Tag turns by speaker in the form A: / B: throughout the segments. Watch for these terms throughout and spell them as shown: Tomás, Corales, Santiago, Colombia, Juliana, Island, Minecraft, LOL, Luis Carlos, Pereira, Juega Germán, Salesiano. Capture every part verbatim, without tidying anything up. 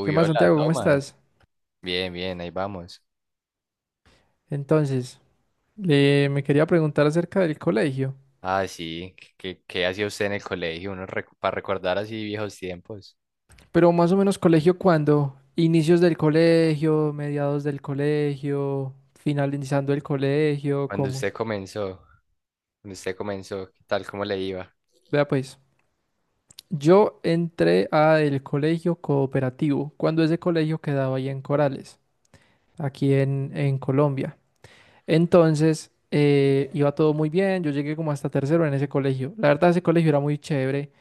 A: ¿Qué más,
B: hola,
A: Santiago? ¿Cómo
B: Tomás.
A: estás?
B: Bien, bien, ahí vamos.
A: Entonces, eh, me quería preguntar acerca del colegio,
B: Ah, sí, ¿qué, qué qué hacía usted en el colegio? Uno recu- para recordar así viejos tiempos.
A: pero más o menos colegio cuando inicios del colegio, mediados del colegio, finalizando el colegio,
B: Cuando
A: ¿cómo?
B: usted comenzó, cuando usted comenzó, ¿qué tal, cómo le iba?
A: Vea pues, yo entré a el colegio cooperativo, cuando ese colegio quedaba ahí en Corales, aquí en, en Colombia. Entonces, eh, iba todo muy bien, yo llegué como hasta tercero en ese colegio. La verdad, ese colegio era muy chévere.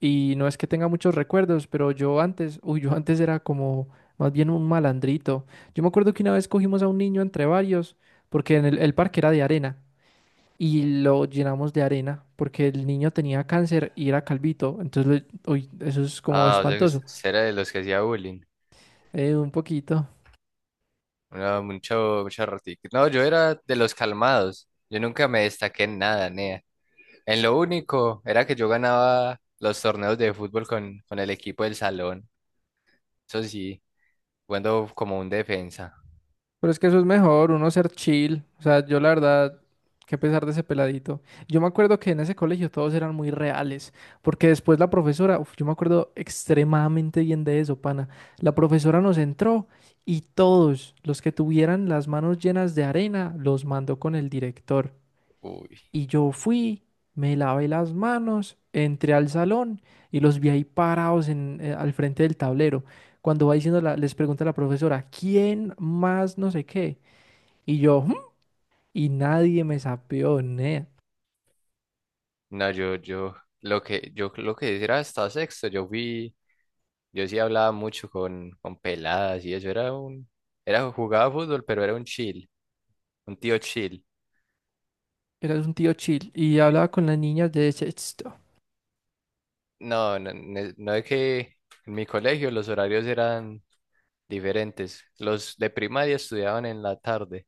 A: Y no es que tenga muchos recuerdos, pero yo antes, uy, yo antes era como más bien un malandrito. Yo me acuerdo que una vez cogimos a un niño entre varios, porque en el, el parque era de arena, y lo llenamos de arena, porque el niño tenía cáncer y era calvito. Entonces, lo- uy, eso es como
B: Ah, o sea, que
A: espantoso.
B: usted era de los que hacía bullying.
A: Eh, un poquito.
B: No, mucho, mucho ratito. No, yo era de los calmados. Yo nunca me destaqué en nada, nea. En lo único era que yo ganaba los torneos de fútbol con, con el equipo del salón. Eso sí, jugando como un defensa.
A: Pero es que eso es mejor, uno ser chill. O sea, yo la verdad, qué pesar de ese peladito. Yo me acuerdo que en ese colegio todos eran muy reales, porque después la profesora, uf, yo me acuerdo extremadamente bien de eso, pana. La profesora nos entró y todos los que tuvieran las manos llenas de arena los mandó con el director. Y yo fui, me lavé las manos, entré al salón y los vi ahí parados en, eh, al frente del tablero. Cuando va diciendo, la- les pregunta la profesora, ¿quién más no sé qué? Y yo, "¿Mm?", y nadie me sapeó, nea.
B: No, yo, yo, lo que, yo lo que era hasta sexto, yo fui, yo sí hablaba mucho con, con peladas y eso, era un, era, jugaba fútbol, pero era un chill, un tío chill.
A: Era un tío chill y hablaba con las niñas de sexto.
B: No, no, ne- no es que en mi colegio los horarios eran diferentes. Los de primaria estudiaban en la tarde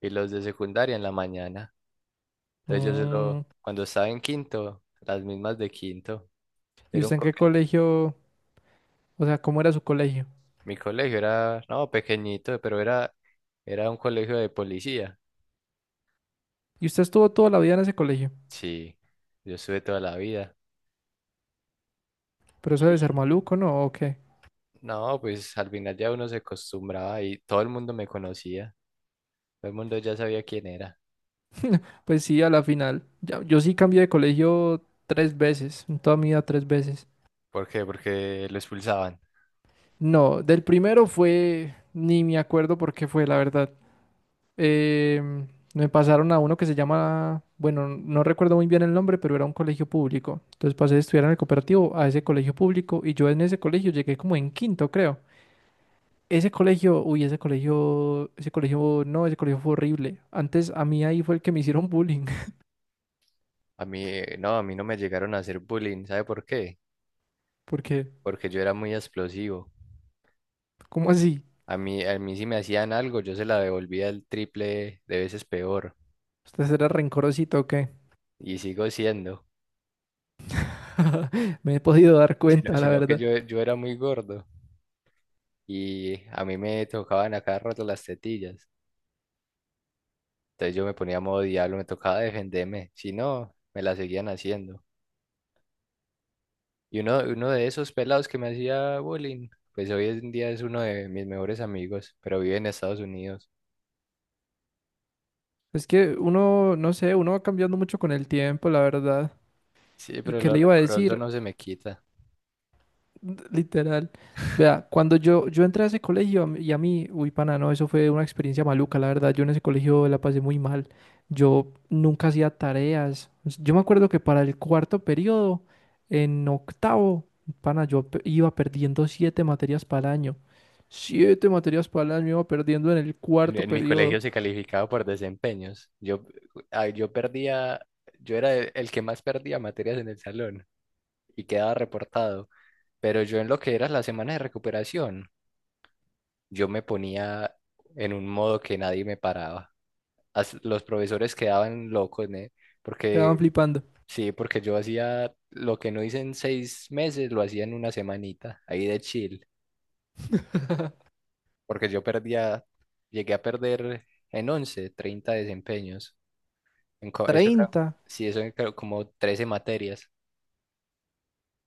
B: y los de secundaria en la mañana. Entonces yo
A: "Mm,
B: solo, cuando estaba en quinto, las mismas de quinto,
A: ¿y
B: era un
A: usted en qué
B: coquete.
A: colegio? O sea, ¿cómo era su colegio?
B: Mi colegio era, no, pequeñito, pero era, era un colegio de policía.
A: Y usted estuvo toda la vida en ese colegio.
B: Sí, yo estuve toda la vida.
A: Pero eso debe ser
B: Y
A: maluco, ¿no? ¿O qué?
B: No, pues al final ya uno se acostumbraba y todo el mundo me conocía. Todo el mundo ya sabía quién era.
A: Pues sí, a la final. Ya- yo sí cambié de colegio tres veces, en toda mi vida tres veces.
B: ¿Por qué? Porque lo expulsaban.
A: No, del primero fue, ni me acuerdo por qué fue, la verdad. em, me pasaron a uno que se llama, bueno, no recuerdo muy bien el nombre, pero era un colegio público. Entonces pasé de estudiar en el cooperativo a ese colegio público y yo en ese colegio llegué como en quinto, creo. Ese colegio, uy, ese colegio, ese colegio, no, ese colegio fue horrible. Antes a mí ahí fue el que me hicieron bullying,
B: A mí, eh, no, a mí no me llegaron a hacer bullying. ¿Sabe por qué?
A: porque,
B: Porque yo era muy explosivo.
A: ¿cómo así?
B: A mí, a mí si me hacían algo, yo se la devolvía el triple de veces peor.
A: ¿Usted era rencorosito o qué?
B: Y sigo siendo.
A: Me he podido dar
B: Sino,
A: cuenta, la
B: sino que
A: verdad.
B: yo, yo era muy gordo. Y a mí me tocaban a cada rato las tetillas. Entonces yo me ponía a modo diablo, me tocaba defenderme, si no, me la seguían haciendo. Y uno, uno de esos pelados que me hacía bullying, pues hoy en día es uno de mis mejores amigos, pero vive en Estados Unidos.
A: Es que uno, no sé, uno va cambiando mucho con el tiempo, la verdad.
B: Sí,
A: ¿Y
B: pero
A: qué
B: lo
A: le iba a
B: rencoroso
A: decir?
B: no se me quita.
A: Literal. Vea, cuando yo, yo entré a ese colegio a mí- y a mí, uy, pana, no, eso fue una experiencia maluca, la verdad. Yo en ese colegio la pasé muy mal. Yo nunca hacía tareas. Yo me acuerdo que para el cuarto periodo, en octavo, pana, yo pe- iba perdiendo siete materias para el año. Siete materias para el año iba perdiendo en el
B: En,
A: cuarto
B: en mi
A: periodo.
B: colegio se calificaba por desempeños. Yo, ah, yo perdía, yo era el el que más perdía materias en el salón y quedaba reportado, pero yo en lo que era la semana de recuperación, yo me ponía en un modo que nadie me paraba. As- los profesores quedaban locos, ¿eh?
A: Quedaban
B: Porque,
A: flipando.
B: sí, porque yo hacía lo que no hice en seis meses, lo hacía en una semanita, ahí de chill, porque yo perdía, llegué a perder en once treinta desempeños. En co- eso era,
A: Treinta.
B: sí, eso eran creo como trece materias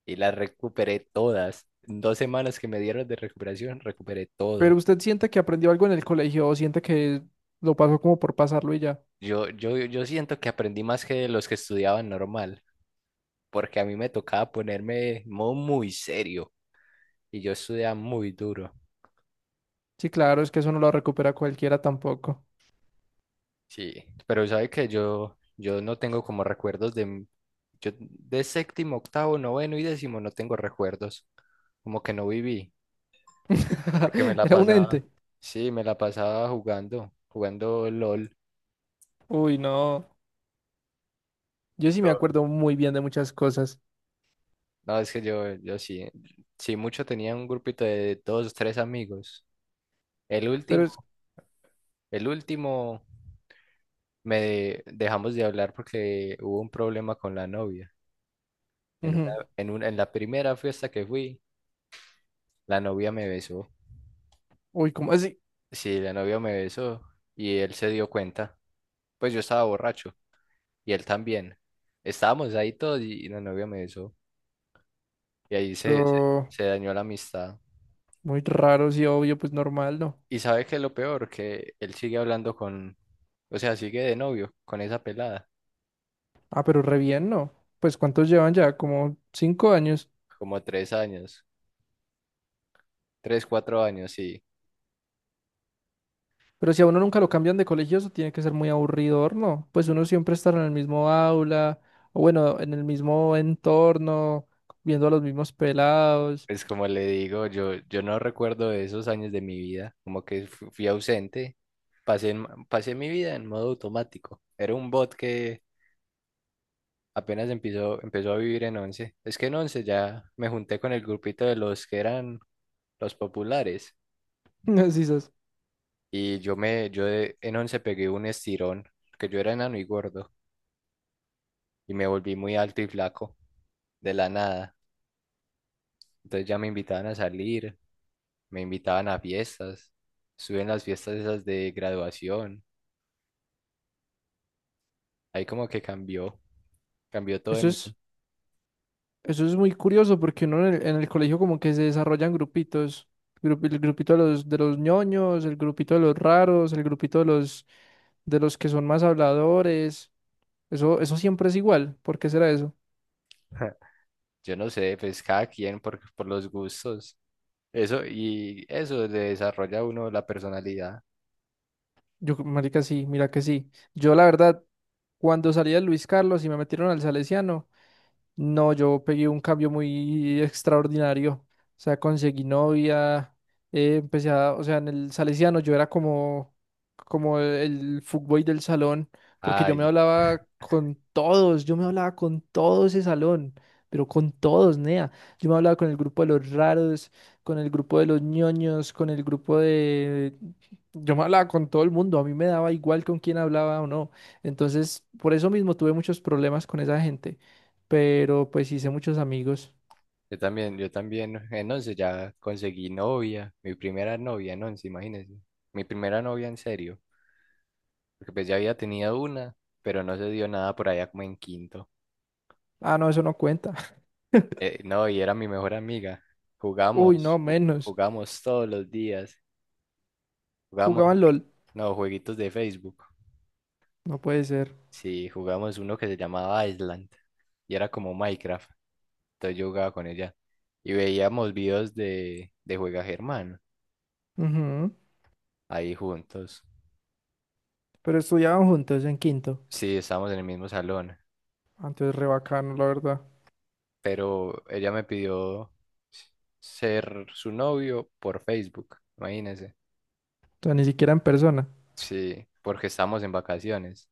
B: y las recuperé todas. En dos semanas que me dieron de recuperación, recuperé
A: Pero
B: todo.
A: usted siente que aprendió algo en el colegio o siente que lo pasó como por pasarlo y ya.
B: Yo, yo, yo siento que aprendí más que los que estudiaban normal, porque a mí me tocaba ponerme en modo muy serio y yo estudiaba muy duro.
A: Sí, claro, es que eso no lo recupera cualquiera tampoco.
B: Sí, pero sabe que yo, yo no tengo como recuerdos de, m- yo de séptimo, octavo, noveno y décimo no tengo recuerdos, como que no viví, porque me la
A: Era un
B: pasaba,
A: ente.
B: sí, me la pasaba jugando, jugando LOL.
A: Uy, no. Yo sí me
B: Yo-
A: acuerdo muy bien de muchas cosas,
B: No, es que yo, yo sí, sí mucho tenía un grupito de dos, tres amigos. El
A: pero
B: último,
A: es...
B: el último me de- dejamos de hablar porque hubo un problema con la novia. En
A: ujú.
B: una- en un- En la primera fiesta que fui, la novia me besó.
A: Uy, ¿cómo así?
B: Sí, la novia me besó y él se dio cuenta. Pues yo estaba borracho y él también. Estábamos ahí todos y la novia me besó. Y ahí se, se,
A: Pero
B: se dañó la amistad.
A: muy raro, sí, obvio, pues normal, ¿no?
B: Y sabe que lo peor, que él sigue hablando con, o sea, sigue de novio con esa pelada,
A: Ah, pero re bien, ¿no? Pues ¿cuántos llevan ya? Como cinco años.
B: como tres años, tres, cuatro años, sí.
A: Pero si a uno nunca lo cambian de colegio, eso tiene que ser muy aburridor, ¿no? Pues uno siempre estará en el mismo aula, o bueno, en el mismo entorno, viendo a los mismos pelados.
B: Pues como le digo, yo, yo no recuerdo de esos años de mi vida, como que fu- fui ausente, pasé, en- pasé mi vida en modo automático. Era un bot que apenas empezó, empezó a vivir en Once. Es que en Once ya me junté con el grupito de los que eran los populares.
A: Así es.
B: Y yo me, yo de- En Once pegué un estirón, que yo era enano y gordo. Y me volví muy alto y flaco, de la nada. Entonces ya me invitaban a salir, me invitaban a fiestas. Estuve en las fiestas esas de graduación. Ahí como que cambió, cambió todo
A: Eso
B: en
A: es...
B: mí.
A: Eso es muy curioso porque uno en el, en el colegio como que se desarrollan grupitos, grup- el grupito de los de los ñoños, el grupito de los raros, el grupito de los de los que son más habladores. Eso eso siempre es igual. ¿Por qué será eso?
B: Yo no sé, pues cada quien por, por los gustos. Eso, y eso le desarrolla a uno la personalidad.
A: Yo, marica, sí, mira que sí. Yo la verdad, cuando salí de Luis Carlos y me metieron al Salesiano. No, yo pegué un cambio muy extraordinario. O sea, conseguí novia, eh, empecé a, o sea, en el Salesiano yo era como, como el fuckboy del salón, porque yo me
B: Ay,
A: hablaba con todos, yo me hablaba con todo ese salón, pero con todos, nea. Yo me hablaba con el grupo de los raros, con el grupo de los ñoños, con el grupo de... Yo me hablaba con todo el mundo, a mí me daba igual con quién hablaba o no. Entonces, por eso mismo tuve muchos problemas con esa gente pero pues hice muchos amigos.
B: Yo también, yo también en once ya conseguí novia, mi primera novia en once, imagínense. Mi primera novia en serio, porque pues ya había tenido una, pero no se dio nada por allá como en quinto.
A: Ah, no, eso no cuenta.
B: Eh, no, y era mi mejor amiga.
A: Uy, no,
B: Jugamos, ju-
A: menos.
B: jugamos todos los días. Jugamos,
A: Jugaban LOL.
B: no, jueguitos de Facebook.
A: No puede ser.
B: Sí, jugamos uno que se llamaba Island y era como Minecraft. Entonces yo jugaba con ella y veíamos videos de, de Juega Germán
A: Ujú.
B: ahí juntos.
A: Pero estudiaban juntos en quinto.
B: Sí, estábamos en el mismo salón.
A: Antes re bacano, la verdad. O
B: Pero ella me pidió ser su novio por Facebook, imagínense.
A: sea, ni siquiera en persona.
B: Sí, porque estamos en vacaciones.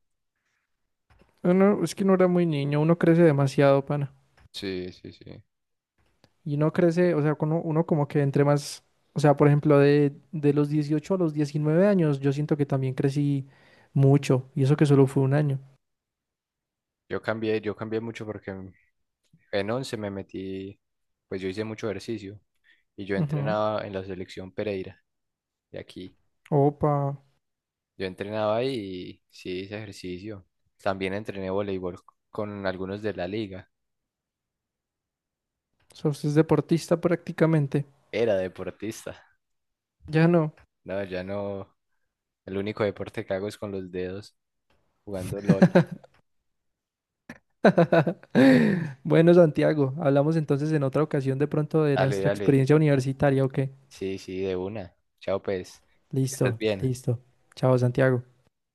A: Uno- es que uno era muy niño, uno crece demasiado, pana.
B: Sí, sí, sí.
A: Y uno crece, o sea, uno, uno como que entre más. O sea, por ejemplo, de, de los dieciocho a los diecinueve años, yo siento que también crecí mucho. Y eso que solo fue un año.
B: Yo cambié, yo cambié mucho porque en en once me metí, pues yo hice mucho ejercicio y yo
A: Ujú.
B: entrenaba en la selección Pereira de aquí.
A: Opa.
B: Yo entrenaba ahí y sí hice ejercicio. También entrené voleibol con algunos de la liga.
A: O sea, usted es deportista prácticamente.
B: Era deportista.
A: Ya no.
B: No, ya no. El único deporte que hago es con los dedos, jugando LOL.
A: Bueno, Santiago, hablamos entonces en otra ocasión de pronto de
B: Dale,
A: nuestra
B: dale.
A: experiencia universitaria, ¿o qué?
B: Sí, sí, de una. Chao, pues. Que estés
A: Listo,
B: bien.
A: listo. Chao, Santiago.